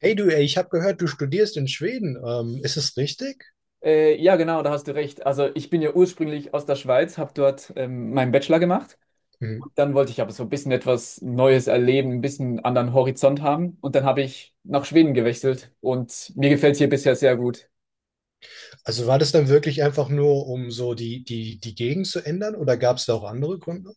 Hey du, ey, ich habe gehört, du studierst in Schweden. Ist es richtig? Ja, genau, da hast du recht. Also ich bin ja ursprünglich aus der Schweiz, habe dort meinen Bachelor gemacht. Mhm. Dann wollte ich aber so ein bisschen etwas Neues erleben, ein bisschen anderen Horizont haben. Und dann habe ich nach Schweden gewechselt und mir gefällt es hier bisher sehr gut. Also war das dann wirklich einfach nur, um so die Gegend zu ändern, oder gab es da auch andere Gründe?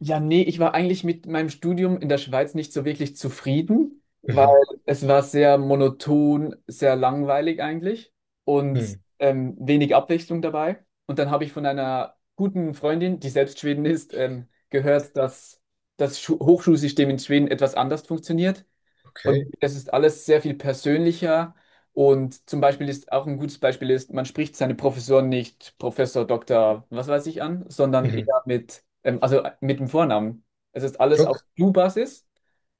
Ja, nee, ich war eigentlich mit meinem Studium in der Schweiz nicht so wirklich zufrieden, weil Mhm. es war sehr monoton, sehr langweilig eigentlich und Mhm. Wenig Abwechslung dabei. Und dann habe ich von einer guten Freundin, die selbst Schwedin ist, gehört, dass das Schu Hochschulsystem in Schweden etwas anders funktioniert. Okay. Und es ist alles sehr viel persönlicher. Und zum Beispiel ist auch ein gutes Beispiel ist, man spricht seine Professoren nicht Professor, Doktor, was weiß ich an, sondern Mhm. eher mit, also mit dem Vornamen. Es ist alles auf Look. Du-Basis,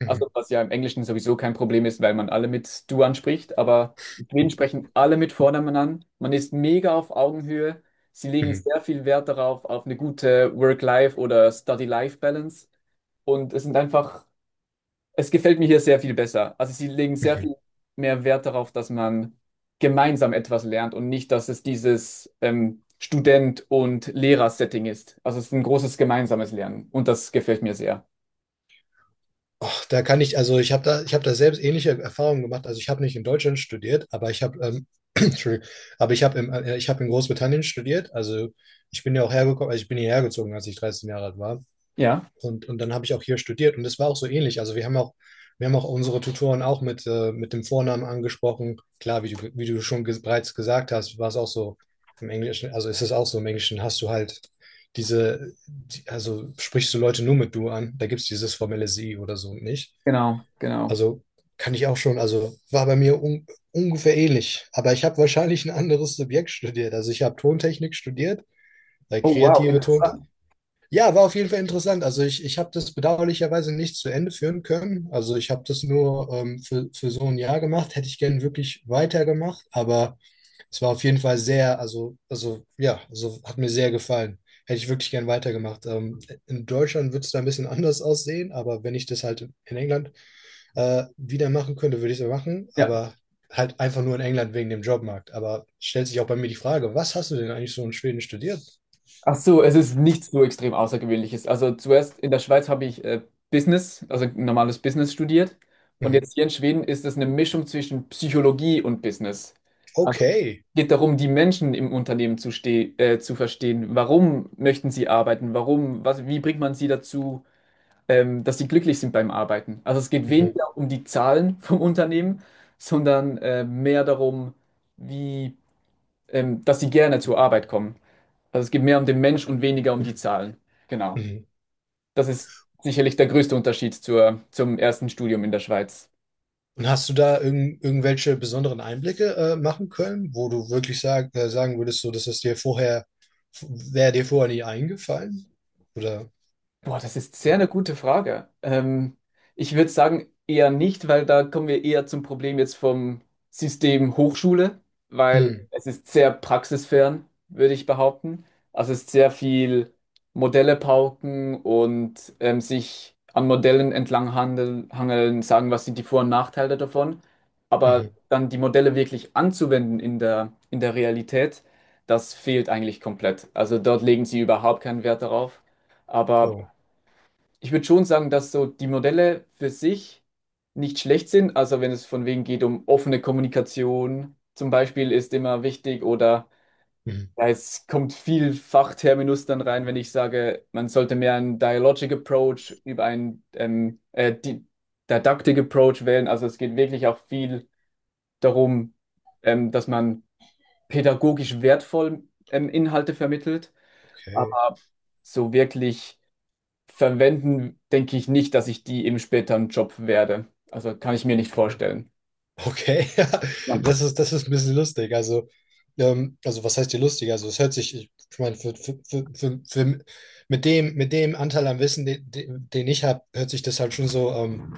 Mhm. also was ja im Englischen sowieso kein Problem ist, weil man alle mit Du anspricht, aber in Schweden sprechen alle mit Vornamen an. Man ist mega auf Augenhöhe. Sie legen Mhm. sehr viel Wert darauf, auf eine gute Work-Life- oder Study-Life-Balance. Und es sind einfach Es gefällt mir hier sehr viel besser. Also sie legen sehr Mhm. viel mehr Wert darauf, dass man gemeinsam etwas lernt und nicht, dass es dieses Student- und Lehrer-Setting ist. Also es ist ein großes gemeinsames Lernen und das gefällt mir sehr. Och, da kann ich, also ich habe da selbst ähnliche Erfahrungen gemacht. Also ich habe nicht in Deutschland studiert, aber ich habe, Entschuldigung, aber ich habe ich habe in Großbritannien studiert. Also ich bin ja auch hergekommen, also ich bin hierher gezogen, als ich 13 Jahre alt war. Ja, Und dann habe ich auch hier studiert, und das war auch so ähnlich. Wir haben auch unsere Tutoren auch mit dem Vornamen angesprochen. Klar, wie du schon ge bereits gesagt hast, war es auch so im Englischen, also ist es auch so im Englischen, hast du halt also sprichst du Leute nur mit du an, da gibt es dieses formelle sie oder so nicht. genau, genau. Also kann ich auch schon, also war bei mir un ungefähr ähnlich, aber ich habe wahrscheinlich ein anderes Subjekt studiert. Also ich habe Tontechnik studiert, weil Oh, wow, kreative Ton interessant. ja, war auf jeden Fall interessant. Ich habe das bedauerlicherweise nicht zu Ende führen können. Also ich habe das nur für so ein Jahr gemacht. Hätte ich gern wirklich weitergemacht, aber es war auf jeden Fall sehr, also ja, also hat mir sehr gefallen. Hätte ich wirklich gern weitergemacht. In Deutschland würde es da ein bisschen anders aussehen, aber wenn ich das halt in England wieder machen könnte, würde ich es machen. Ja. Aber halt einfach nur in England wegen dem Jobmarkt. Aber stellt sich auch bei mir die Frage, was hast du denn eigentlich so in Schweden studiert? Ach so, es ist nichts so extrem Außergewöhnliches. Also zuerst in der Schweiz habe ich Business, also normales Business studiert. Und Mhm. jetzt hier in Schweden ist es eine Mischung zwischen Psychologie und Business. Also Okay. geht darum, die Menschen im Unternehmen zu verstehen. Warum möchten sie arbeiten? Wie bringt man sie dazu, dass sie glücklich sind beim Arbeiten? Also es geht Mhm. weniger um die Zahlen vom Unternehmen, sondern mehr darum, wie, dass sie gerne zur Arbeit kommen. Also es geht mehr um den Mensch und weniger um die Zahlen. Genau. Mhm. Das ist sicherlich der größte Unterschied zum ersten Studium in der Schweiz. Und hast du da irgendwelche besonderen Einblicke machen können, wo du wirklich sagen würdest, so, dass das dir vorher, wäre dir vorher nie eingefallen? Oder? Boah, das ist sehr eine gute Frage. Ich würde sagen, eher nicht, weil da kommen wir eher zum Problem jetzt vom System Hochschule, weil Hm, es ist sehr praxisfern, würde ich behaupten. Also es ist sehr viel Modelle pauken und sich an Modellen hangeln, sagen, was sind die Vor- und Nachteile davon. Aber mhm, dann die Modelle wirklich anzuwenden in der Realität, das fehlt eigentlich komplett. Also dort legen sie überhaupt keinen Wert darauf. Aber oh, ich würde schon sagen, dass so die Modelle für sich nicht schlecht sind. Also wenn es von wegen geht um offene Kommunikation zum Beispiel ist immer wichtig oder mhm, ja, es kommt viel Fachterminus dann rein, wenn ich sage, man sollte mehr einen Dialogic Approach über einen Didactic Approach wählen. Also es geht wirklich auch viel darum, dass man pädagogisch wertvoll Inhalte vermittelt, okay. aber so wirklich verwenden, denke ich nicht, dass ich die im späteren Job werde. Also kann ich mir nicht vorstellen. Okay, ja, Spannend. Das ist ein bisschen lustig. Also was heißt hier lustig? Also, es hört sich, ich meine, für, mit dem Anteil an Wissen, den ich habe, hört sich das halt schon so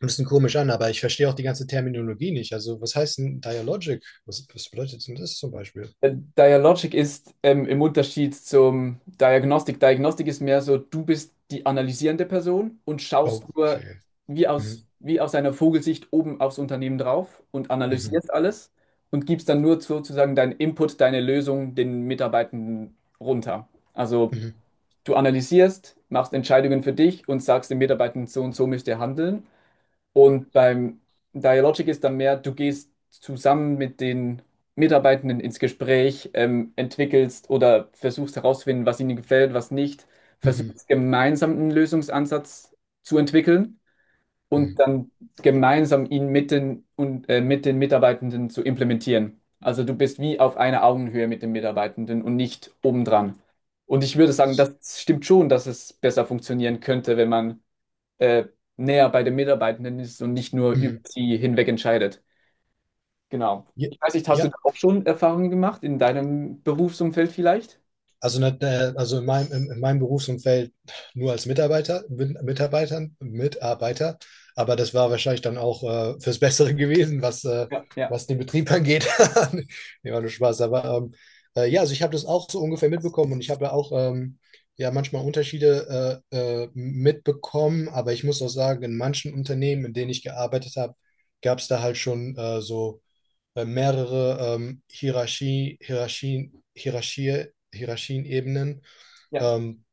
ein bisschen komisch an, aber ich verstehe auch die ganze Terminologie nicht. Also, was heißt denn Dialogic? Was bedeutet denn das zum Beispiel? Dialogic ist im Unterschied zum Diagnostik. Diagnostik ist mehr so, du bist die analysierende Person und schaust nur Okay. Mhm. wie aus einer Vogelsicht oben aufs Unternehmen drauf und Mhm. analysierst alles und gibst dann nur sozusagen deinen Input, deine Lösung den Mitarbeitenden runter. Also Mhm. du analysierst, machst Entscheidungen für dich und sagst den Mitarbeitenden, so und so müsst ihr handeln. Und beim Dialogic ist dann mehr, du gehst zusammen mit den Mitarbeitenden ins Gespräch, entwickelst oder versuchst herauszufinden, was ihnen gefällt, was nicht, Mhm. versuchst gemeinsam einen Lösungsansatz zu entwickeln Mhm. und dann gemeinsam ihn mit den Mitarbeitenden zu implementieren. Also du bist wie auf einer Augenhöhe mit den Mitarbeitenden und nicht obendran. Und ich würde sagen, das stimmt schon, dass es besser funktionieren könnte, wenn man äh, näher bei den Mitarbeitenden ist und nicht nur über Mhm. sie hinweg entscheidet. Genau. Ja, Ich weiß nicht, hast du da ja, auch schon Erfahrungen gemacht in deinem Berufsumfeld vielleicht? Also in meinem Berufsumfeld nur als Mitarbeiter, aber das war wahrscheinlich dann auch fürs Bessere gewesen, Ja, ja, was den Betrieb angeht. Nee, war nur Spaß. Aber ja, also ich habe das auch so ungefähr mitbekommen, und ich habe ja auch ja manchmal Unterschiede mitbekommen, aber ich muss auch sagen, in manchen Unternehmen, in denen ich gearbeitet habe, gab es da halt schon so mehrere Hierarchien-Ebenen, ja, ähm,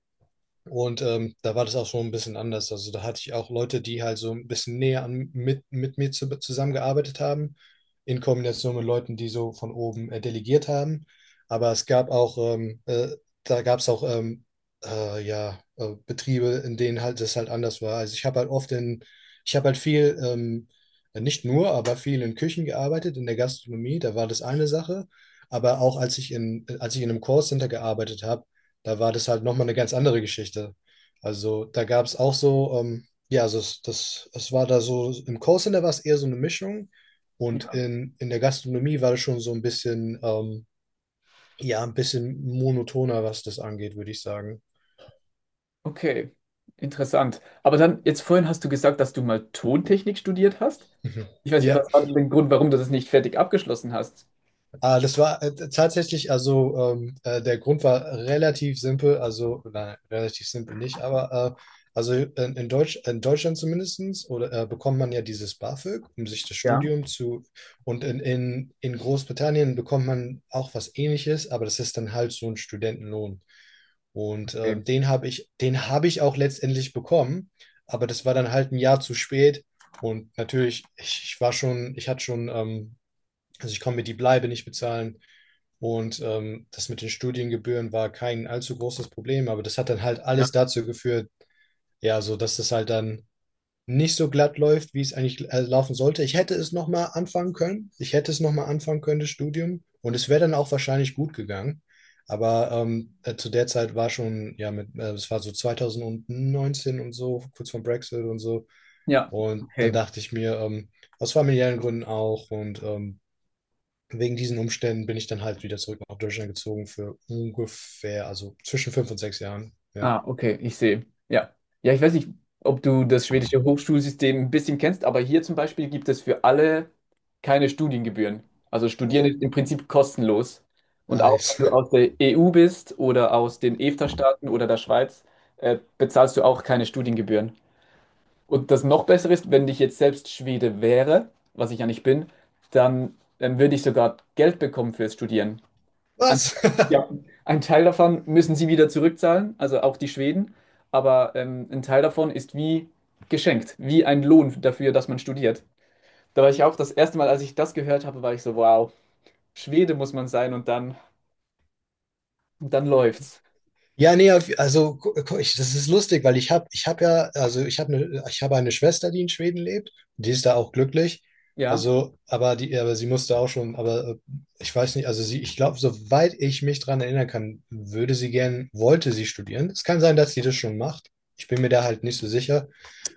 da war das auch schon ein bisschen anders. Also da hatte ich auch Leute, die halt so ein bisschen mit mir zusammengearbeitet haben, in Kombination mit Leuten, die so von oben delegiert haben. Aber es gab auch, da gab es auch ja, Betriebe, in denen halt das halt anders war. Also ich habe halt viel, nicht nur, aber viel in Küchen gearbeitet, in der Gastronomie, da war das eine Sache. Aber auch als ich in einem Callcenter gearbeitet habe, da war das halt nochmal eine ganz andere Geschichte. Also da gab es auch so, ja, es war da so, im Callcenter war es eher so eine Mischung, und ja. in der Gastronomie war das schon so ein bisschen, ja, ein bisschen monotoner, was das angeht, würde ich sagen. Okay, interessant. Aber dann, jetzt vorhin hast du gesagt, dass du mal Tontechnik studiert hast. Mhm. Ich weiß nicht, Ja. was war denn der Grund, warum du das nicht fertig abgeschlossen hast? Ah, das war tatsächlich, also der Grund war relativ simpel, also nein, relativ simpel nicht, aber also in Deutschland zumindestens oder bekommt man ja dieses BAföG, um sich das Ja, Studium zu und in Großbritannien bekommt man auch was Ähnliches, aber das ist dann halt so ein Studentenlohn. Und okay. Den habe ich auch letztendlich bekommen, aber das war dann halt ein Jahr zu spät. Und natürlich, ich war schon, ich hatte schon also ich konnte mir die Bleibe nicht bezahlen. Und das mit den Studiengebühren war kein allzu großes Problem, aber das hat dann halt Ja, alles dazu geführt, ja, so dass das halt dann nicht so glatt läuft, wie es eigentlich laufen sollte. Ich hätte es nochmal anfangen können. Ich hätte es nochmal anfangen können, das Studium. Und es wäre dann auch wahrscheinlich gut gegangen. Aber zu der Zeit war schon, ja, es war so 2019 und so, kurz vor Brexit und so. ja, Und dann okay. dachte ich mir, aus familiären Gründen auch und wegen diesen Umständen bin ich dann halt wieder zurück nach Deutschland gezogen für ungefähr, also zwischen fünf und sechs Jahren. Ja, Ah, okay, ich sehe. Ja. Ja, ich weiß nicht, ob du das schwedische Hochschulsystem ein bisschen kennst, aber hier zum Beispiel gibt es für alle keine Studiengebühren. Also Studieren ist im Prinzip kostenlos. Und auch nice. wenn du aus der EU bist oder aus den EFTA-Staaten oder der Schweiz, bezahlst du auch keine Studiengebühren. Und das noch Bessere ist, wenn ich jetzt selbst Schwede wäre, was ich ja nicht bin, dann würde ich sogar Geld bekommen fürs Studieren. Ein, Was? ja, ein Teil davon müssen sie wieder zurückzahlen, also auch die Schweden, aber ein Teil davon ist wie geschenkt, wie ein Lohn dafür, dass man studiert. Da war ich auch das erste Mal, als ich das gehört habe, war ich so, wow, Schwede muss man sein und und dann läuft's. Ja, nee, das ist lustig, weil ich habe ja, also ich habe eine Schwester, die in Schweden lebt, die ist da auch glücklich. Ja. Also, aber sie musste auch schon, aber ich weiß nicht, also sie, ich glaube, soweit ich mich dran erinnern kann, wollte sie studieren. Es kann sein, dass sie das schon macht. Ich bin mir da halt nicht so sicher.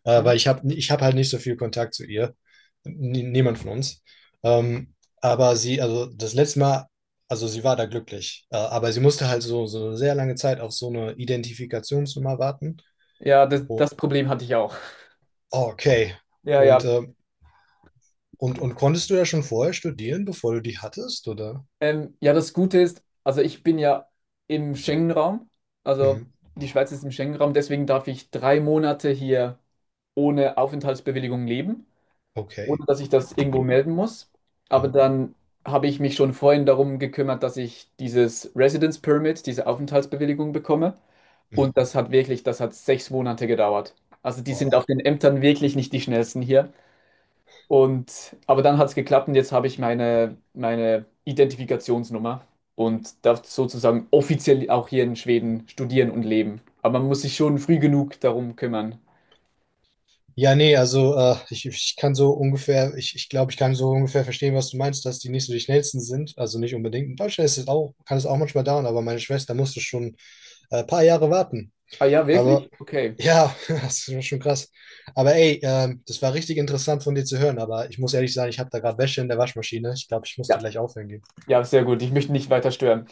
äh, Hm. weil ich habe ich hab halt nicht so viel Kontakt zu ihr. N Niemand von uns. Ähm, also das letzte Mal, also sie war da glücklich. Aber sie musste halt so eine sehr lange Zeit auf so eine Identifikationsnummer warten. Ja, Wo, das Problem hatte ich auch. oh, okay. Ja, Und, ja. Und konntest du ja schon vorher studieren, bevor du die hattest, oder? Ja, das Gute ist, also ich bin ja im Schengen-Raum, also Mhm. die Schweiz ist im Schengen-Raum, deswegen darf ich 3 Monate hier ohne Aufenthaltsbewilligung leben, Okay. ohne dass ich das irgendwo melden muss. Aber Mhm. dann habe ich mich schon vorhin darum gekümmert, dass ich dieses Residence Permit, diese Aufenthaltsbewilligung bekomme. Mhm. Und das hat wirklich, das hat 6 Monate gedauert. Also die sind Boah. auf den Ämtern wirklich nicht die schnellsten hier. Und aber dann hat es geklappt und jetzt habe ich meine Identifikationsnummer und darf sozusagen offiziell auch hier in Schweden studieren und leben. Aber man muss sich schon früh genug darum kümmern. Ja, nee, also ich kann so ungefähr, ich glaube, ich kann so ungefähr verstehen, was du meinst, dass die nicht so die schnellsten sind. Also nicht unbedingt. In Deutschland ist es auch, kann es auch manchmal dauern, aber meine Schwester musste schon ein paar Jahre warten. Ah ja, Aber wirklich? Okay. ja, das ist schon krass. Aber ey, das war richtig interessant von dir zu hören, aber ich muss ehrlich sagen, ich habe da gerade Wäsche in der Waschmaschine. Ich glaube, ich muss die Ja, gleich aufhängen gehen. ja, sehr gut. Ich möchte nicht weiter stören.